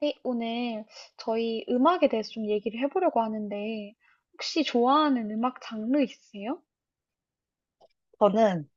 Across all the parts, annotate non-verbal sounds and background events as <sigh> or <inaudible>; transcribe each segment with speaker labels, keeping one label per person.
Speaker 1: 네, 오늘 저희 음악에 대해서 좀 얘기를 해보려고 하는데, 혹시 좋아하는 음악 장르 있으세요?
Speaker 2: 저는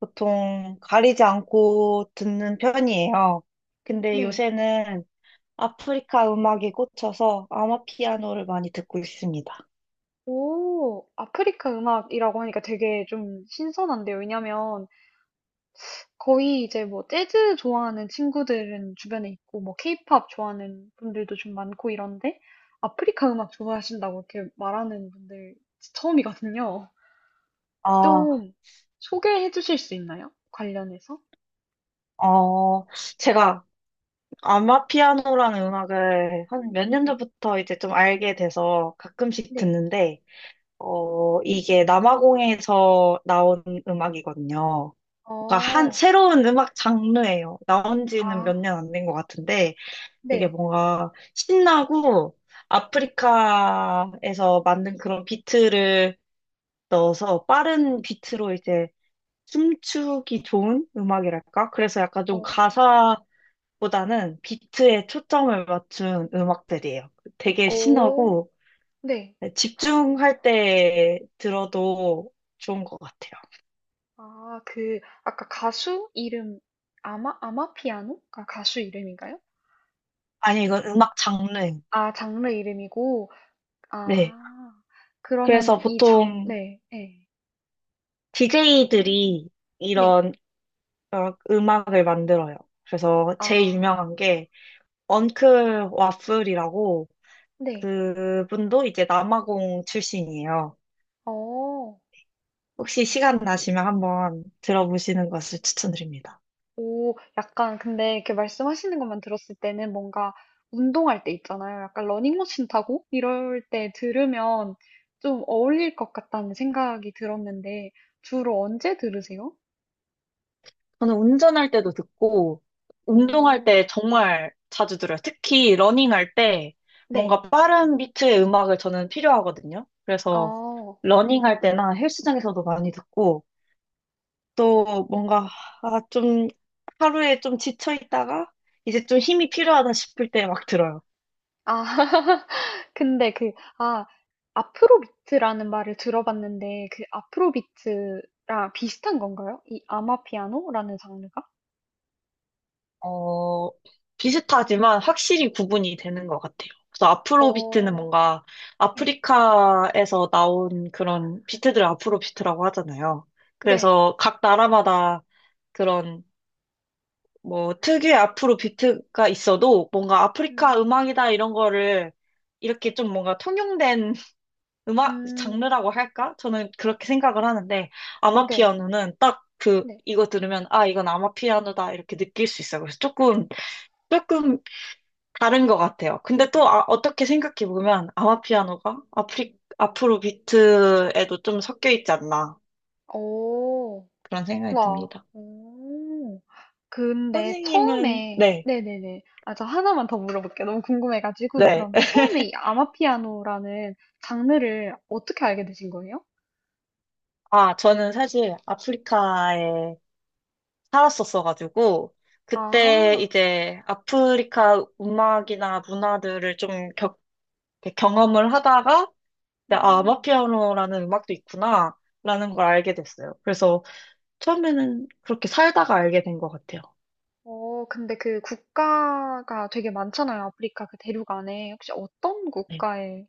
Speaker 2: 보통 가리지 않고 듣는 편이에요. 근데
Speaker 1: 네.
Speaker 2: 요새는 아프리카 음악에 꽂혀서 아마피아노를 많이 듣고 있습니다.
Speaker 1: 오, 아프리카 음악이라고 하니까 되게 좀 신선한데요. 왜냐면 거의 이제 뭐 재즈 좋아하는 친구들은 주변에 있고, 뭐 케이팝 좋아하는 분들도 좀 많고 이런데, 아프리카 음악 좋아하신다고 이렇게 말하는 분들 처음이거든요.
Speaker 2: 아,
Speaker 1: 좀 소개해 주실 수 있나요? 관련해서?
Speaker 2: 어, 제가 아마피아노라는 음악을 한 몇 년
Speaker 1: 네,
Speaker 2: 전부터 이제 좀 알게 돼서 가끔씩
Speaker 1: 네.
Speaker 2: 듣는데, 이게 남아공에서 나온 음악이거든요. 그러니까 한,
Speaker 1: 어,
Speaker 2: 새로운 음악 장르예요. 나온 지는
Speaker 1: 아,
Speaker 2: 몇 년 안 된 것 같은데, 되게
Speaker 1: 네.
Speaker 2: 뭔가 신나고 아프리카에서 만든 그런 비트를 넣어서 빠른 비트로 이제 춤추기 좋은 음악이랄까? 그래서 약간
Speaker 1: 어.
Speaker 2: 좀 가사보다는 비트에 초점을 맞춘 음악들이에요. 되게
Speaker 1: 오,
Speaker 2: 신나고
Speaker 1: 네.
Speaker 2: 집중할 때 들어도 좋은 것 같아요.
Speaker 1: 아 그 아까 가수 이름 아마 아마피아노가 가수 이름인가요?
Speaker 2: 아니, 이건 음악 장르.
Speaker 1: 아, 장르 이름이고.
Speaker 2: 네.
Speaker 1: 아.
Speaker 2: 그래서
Speaker 1: 그러면은 이 장
Speaker 2: 보통
Speaker 1: 네. 네,
Speaker 2: DJ들이
Speaker 1: 네.
Speaker 2: 이런 음악을 만들어요. 그래서 제일
Speaker 1: 아.
Speaker 2: 유명한 게 언클 와플이라고
Speaker 1: 네.
Speaker 2: 그분도 이제 남아공 출신이에요.
Speaker 1: 어.
Speaker 2: 혹시 시간 나시면 한번 들어보시는 것을 추천드립니다.
Speaker 1: 오, 약간 근데 이렇게 말씀하시는 것만 들었을 때는 뭔가 운동할 때 있잖아요. 약간 러닝머신 타고 이럴 때 들으면 좀 어울릴 것 같다는 생각이 들었는데 주로 언제 들으세요?
Speaker 2: 저는 운전할 때도 듣고, 운동할
Speaker 1: 오,
Speaker 2: 때 정말 자주 들어요. 특히 러닝할 때
Speaker 1: 네.
Speaker 2: 뭔가 빠른 비트의 음악을 저는 필요하거든요. 그래서
Speaker 1: 어,
Speaker 2: 러닝할 때나 헬스장에서도 많이 듣고, 또 뭔가 아, 좀 하루에 좀 지쳐 있다가 이제 좀 힘이 필요하다 싶을 때 막 들어요.
Speaker 1: 아, <laughs> 근데 그, 아, 아프로비트라는 말을 들어봤는데, 그 아프로비트랑 비슷한 건가요? 이 아마피아노라는 장르가?
Speaker 2: 어, 비슷하지만 확실히 구분이 되는 것 같아요. 그래서 아프로비트는
Speaker 1: 오,
Speaker 2: 뭔가
Speaker 1: 네.
Speaker 2: 아프리카에서 나온 그런 비트들 을 아프로비트라고 하잖아요.
Speaker 1: 네.
Speaker 2: 그래서 각 나라마다 그런 뭐 특유의 아프로비트가 있어도 뭔가 아프리카
Speaker 1: 음,
Speaker 2: 음악이다 이런 거를 이렇게 좀 뭔가 통용된 <laughs> 음악
Speaker 1: 음,
Speaker 2: 장르라고 할까? 저는 그렇게 생각을 하는데
Speaker 1: 네.
Speaker 2: 아마피아노는 딱 그
Speaker 1: 네.
Speaker 2: 이거 들으면 아 이건 아마피아노다 이렇게 느낄 수 있어요. 그래서 조금 다른 것 같아요. 근데 또 아, 어떻게 생각해 보면 아마피아노가 아프리, 앞으로 비트에도 좀 섞여 있지 않나
Speaker 1: 오,
Speaker 2: 그런 생각이
Speaker 1: 와.
Speaker 2: 듭니다.
Speaker 1: 오. 근데
Speaker 2: 선생님은
Speaker 1: 처음에
Speaker 2: 네,
Speaker 1: 네네네. 아 저 하나만 더 물어볼게요. 너무 궁금해 가지고.
Speaker 2: 네.
Speaker 1: 그럼
Speaker 2: <laughs>
Speaker 1: 처음에 이 아마피아노라는 장르를 어떻게 알게 되신 거예요?
Speaker 2: 아, 저는 사실 아프리카에 살았었어가지고, 그때
Speaker 1: 아.
Speaker 2: 이제 아프리카 음악이나 문화들을 좀 겪, 이렇게 경험을 하다가, 이제 아,
Speaker 1: 음.
Speaker 2: 아마피아노라는 음악도 있구나, 라는 걸 알게 됐어요. 그래서 처음에는 그렇게 살다가 알게 된 것 같아요.
Speaker 1: 어 근데 그 국가가 되게 많잖아요. 아프리카 그 대륙 안에. 혹시 어떤
Speaker 2: 네.
Speaker 1: 국가에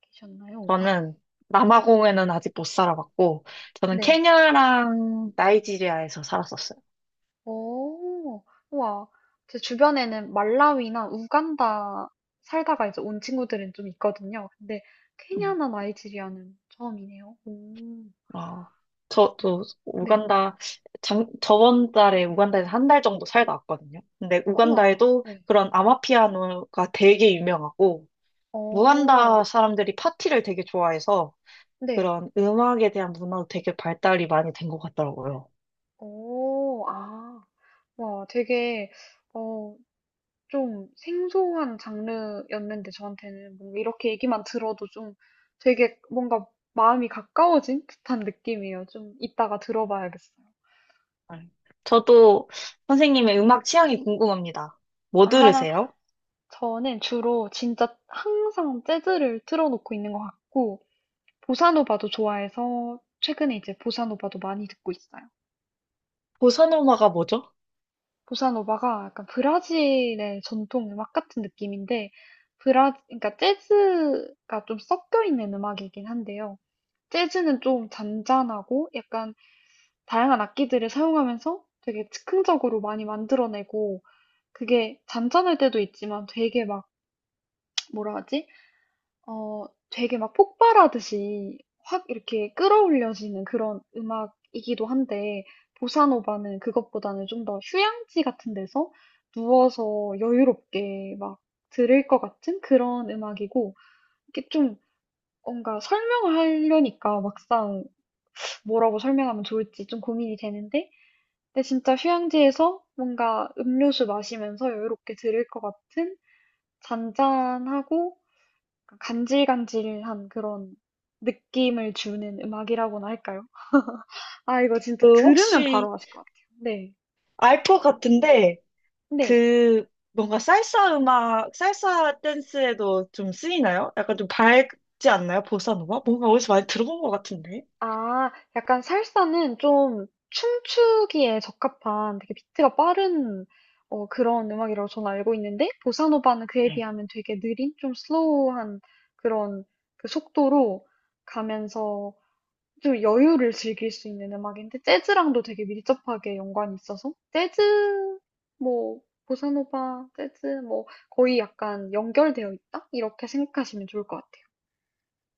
Speaker 1: 계셨나요? <laughs>
Speaker 2: 저는 남아공에는 아직 못 살아봤고, 저는
Speaker 1: 네.
Speaker 2: 케냐랑 나이지리아에서 살았었어요.
Speaker 1: 오 우와. 제 주변에는 말라위나 우간다 살다가 이제 온 친구들은 좀 있거든요. 근데
Speaker 2: 네.
Speaker 1: 케냐나 나이지리아는 처음이네요. 오.
Speaker 2: 어, 저도
Speaker 1: 음. 네.
Speaker 2: 우간다, 장, 저번 달에 우간다에서 한 달 정도 살다 왔거든요. 근데
Speaker 1: 우와.
Speaker 2: 우간다에도
Speaker 1: 네.
Speaker 2: 그런 아마피아노가 되게 유명하고,
Speaker 1: 어.
Speaker 2: 우간다 사람들이 파티를 되게 좋아해서
Speaker 1: 네.
Speaker 2: 그런 음악에 대한 문화도 되게 발달이 많이 된 것 같더라고요.
Speaker 1: 어. 아. 와 되게 어 좀 생소한 장르였는데 저한테는 뭔가 이렇게 얘기만 들어도 좀 되게 뭔가 마음이 가까워진 듯한 느낌이에요. 좀 이따가 들어봐야겠어요.
Speaker 2: 네. 저도 선생님의 음악 취향이 궁금합니다. 뭐
Speaker 1: 아. <laughs>
Speaker 2: 들으세요?
Speaker 1: 저는 주로 진짜 항상 재즈를 틀어 놓고 있는 것 같고 보사노바도 좋아해서 최근에 이제 보사노바도 많이 듣고 있어요.
Speaker 2: 보사노마가 뭐죠?
Speaker 1: 보사노바가 약간 브라질의 전통 음악 같은 느낌인데 브라 그러니까 재즈가 좀 섞여 있는 음악이긴 한데요. 재즈는 좀 잔잔하고 약간 다양한 악기들을 사용하면서 되게 즉흥적으로 많이 만들어내고 그게 잔잔할 때도 있지만 되게 막 뭐라 하지? 어, 되게 막 폭발하듯이 확 이렇게 끌어올려지는 그런 음악이기도 한데, 보사노바는 그것보다는 좀 더 휴양지 같은 데서 누워서 여유롭게 막 들을 것 같은 그런 음악이고, 이게 좀 뭔가 설명을 하려니까 막상 뭐라고 설명하면 좋을지 좀 고민이 되는데, 근데 진짜 휴양지에서 뭔가 음료수 마시면서 여유롭게 들을 것 같은 잔잔하고 간질간질한 그런 느낌을 주는 음악이라고나 할까요? 아, 이거 진짜
Speaker 2: 그
Speaker 1: 들으면
Speaker 2: 혹시
Speaker 1: 바로 아실 것 같아요. 네.
Speaker 2: 알 것 같은데.
Speaker 1: 네.
Speaker 2: 그 뭔가 살사 음악, 살사 댄스에도 좀 쓰이나요? 약간 좀 밝지 않나요? 보사노바? 뭔가 어디서 많이 들어본 것 같은데.
Speaker 1: 아, 약간 살사는 좀 춤추기에 적합한 되게 비트가 빠른 그런 음악이라고 저는 알고 있는데, 보사노바는 그에
Speaker 2: 네.
Speaker 1: 비하면 되게 느린, 좀 슬로우한 그런 그 속도로 가면서 좀 여유를 즐길 수 있는 음악인데 재즈랑도 되게 밀접하게 연관이 있어서 재즈 뭐 보사노바 재즈 뭐 거의 약간 연결되어 있다 이렇게 생각하시면 좋을 것 같아요.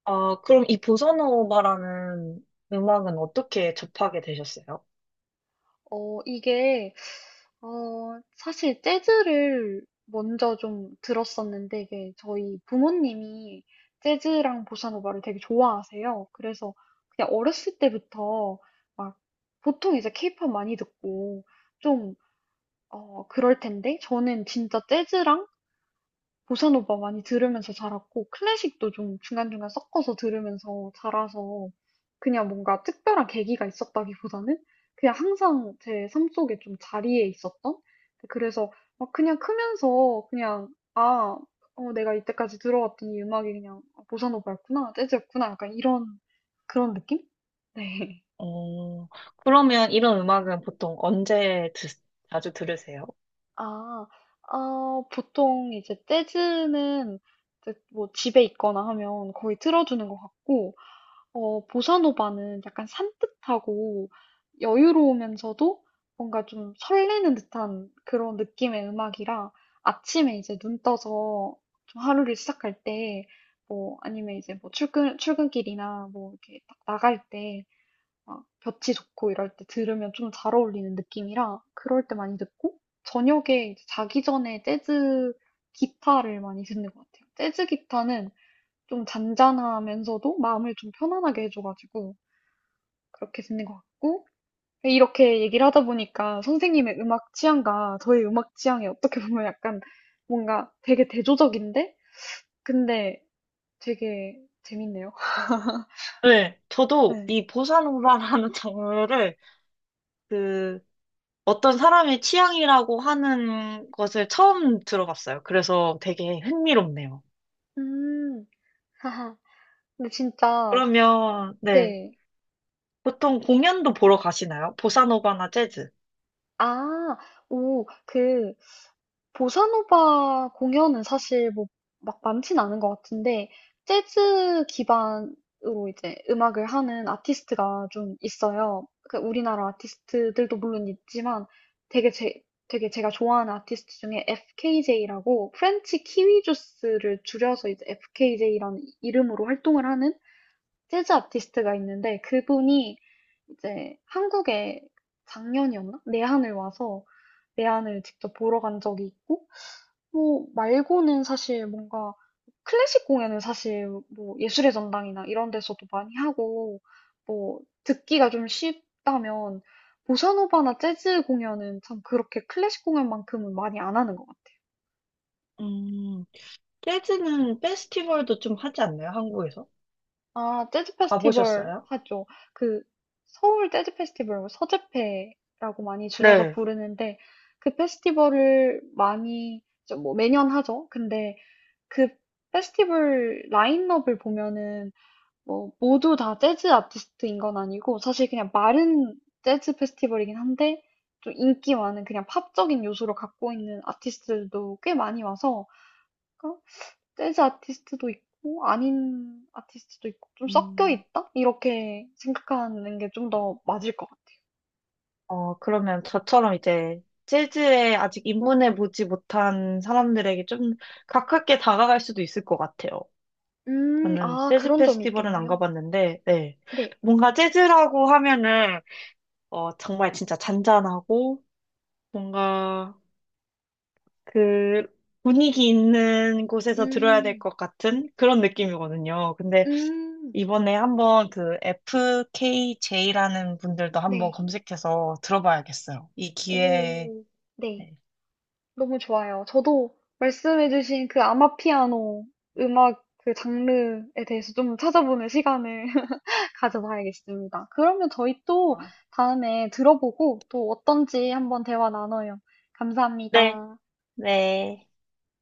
Speaker 2: 아, 그럼 이 보사노바라는 음악은 어떻게 접하게 되셨어요?
Speaker 1: 어 이게 어 사실 재즈를 먼저 좀 들었었는데 이게 저희 부모님이 재즈랑 보사노바를 되게 좋아하세요. 그래서 그냥 어렸을 때부터 막 보통 이제 케이팝 많이 듣고 좀 그럴 텐데 저는 진짜 재즈랑 보사노바 많이 들으면서 자랐고 클래식도 좀 중간중간 섞어서 들으면서 자라서 그냥 뭔가 특별한 계기가 있었다기보다는 그냥 항상 제 삶 속에 좀 자리에 있었던 네, 그래서 막 그냥 크면서 그냥 아, 내가 이때까지 들어왔던 이 음악이 그냥 보사노바였구나, 재즈였구나 약간 이런 그런 느낌? 네.
Speaker 2: 어, 그러면 이런 음악은 보통 언제 드, 자주 들으세요?
Speaker 1: 아, 어, 보통 이제 재즈는 이제 뭐 집에 있거나 하면 거의 틀어주는 것 같고, 어, 보사노바는 약간 산뜻하고 여유로우면서도 뭔가 좀 설레는 듯한 그런 느낌의 음악이라 아침에 이제 눈 떠서 좀 하루를 시작할 때, 뭐 아니면 이제 뭐 출근, 출근길이나 뭐 이렇게 딱 나갈 때 막 볕이 좋고 이럴 때 들으면 좀 잘 어울리는 느낌이라 그럴 때 많이 듣고 저녁에 이제 자기 전에 재즈 기타를 많이 듣는 것 같아요. 재즈 기타는 좀 잔잔하면서도 마음을 좀 편안하게 해줘가지고 그렇게 듣는 것 같고 이렇게 얘기를 하다 보니까 선생님의 음악 취향과 저의 음악 취향이 어떻게 보면 약간 뭔가 되게 대조적인데 근데 되게 재밌네요. <laughs>
Speaker 2: 네. 저도
Speaker 1: 네.
Speaker 2: 이 보사노바라는 <laughs> 장르를 그 어떤 사람의 취향이라고 하는 것을 처음 들어봤어요. 그래서 되게 흥미롭네요.
Speaker 1: 음, 하하. 근데 진짜
Speaker 2: 그러면, 네.
Speaker 1: 네.
Speaker 2: 보통 공연도 보러 가시나요? 보사노바나 재즈?
Speaker 1: 아. 오 그 보사노바 공연은 사실 뭐 막 많진 않은 것 같은데 재즈 기반으로 이제 음악을 하는 아티스트가 좀 있어요. 그 우리나라 아티스트들도 물론 있지만 되게 제 되게 제가 좋아하는 아티스트 중에 FKJ라고 프렌치 키위 주스를 줄여서 이제 FKJ라는 이름으로 활동을 하는 재즈 아티스트가 있는데 그분이 이제 한국에 작년이었나? 내한을 와서 내한을 직접 보러 간 적이 있고, 뭐 말고는 사실 뭔가 클래식 공연은 사실 뭐 예술의 전당이나 이런 데서도 많이 하고, 뭐 듣기가 좀 쉽다면 보사노바나 재즈 공연은 참 그렇게 클래식 공연만큼은 많이 안 하는 것 같아요.
Speaker 2: 음, 재즈는 페스티벌도 좀 하지 않나요? 한국에서?
Speaker 1: 아, 재즈 페스티벌
Speaker 2: 가보셨어요?
Speaker 1: 하죠. 그, 서울 재즈 페스티벌, 뭐 서재페라고 많이 줄여서
Speaker 2: 네.
Speaker 1: 부르는데, 그 페스티벌을 많이, 좀뭐 매년 하죠. 근데 그 페스티벌 라인업을 보면은, 뭐, 모두 다 재즈 아티스트인 건 아니고, 사실 그냥 마른 재즈 페스티벌이긴 한데, 좀 인기 많은 그냥 팝적인 요소를 갖고 있는 아티스트들도 꽤 많이 와서, 재즈 아티스트도 있고 아닌 아티스트도 있고 좀 섞여
Speaker 2: 음,
Speaker 1: 있다? 이렇게 생각하는 게 좀 더 맞을 것 같아요.
Speaker 2: 그러면 저처럼 이제 재즈에 아직 입문해 보지 못한 사람들에게 좀 가깝게 다가갈 수도 있을 것 같아요. 저는
Speaker 1: 아,
Speaker 2: 재즈
Speaker 1: 그런 점이
Speaker 2: 페스티벌은 안
Speaker 1: 있겠네요.
Speaker 2: 가봤는데, 네.
Speaker 1: 네.
Speaker 2: 뭔가 재즈라고 하면은, 정말 진짜 잔잔하고, 뭔가 그 분위기 있는 곳에서 들어야 될
Speaker 1: 음,
Speaker 2: 것 같은 그런 느낌이거든요. 근데
Speaker 1: 음,
Speaker 2: 이번에 한번 그 FKJ라는 분들도 한번
Speaker 1: 네.
Speaker 2: 검색해서 들어봐야겠어요. 이 기회에.
Speaker 1: 오, 네.
Speaker 2: 네.
Speaker 1: 너무 좋아요. 저도 말씀해주신 그 아마피아노 음악 그 장르에 대해서 좀 찾아보는 시간을 <laughs> 가져봐야겠습니다. 그러면 저희 또
Speaker 2: 어,
Speaker 1: 다음에 들어보고 또 어떤지 한번 대화 나눠요.
Speaker 2: 네.
Speaker 1: 감사합니다.
Speaker 2: 네.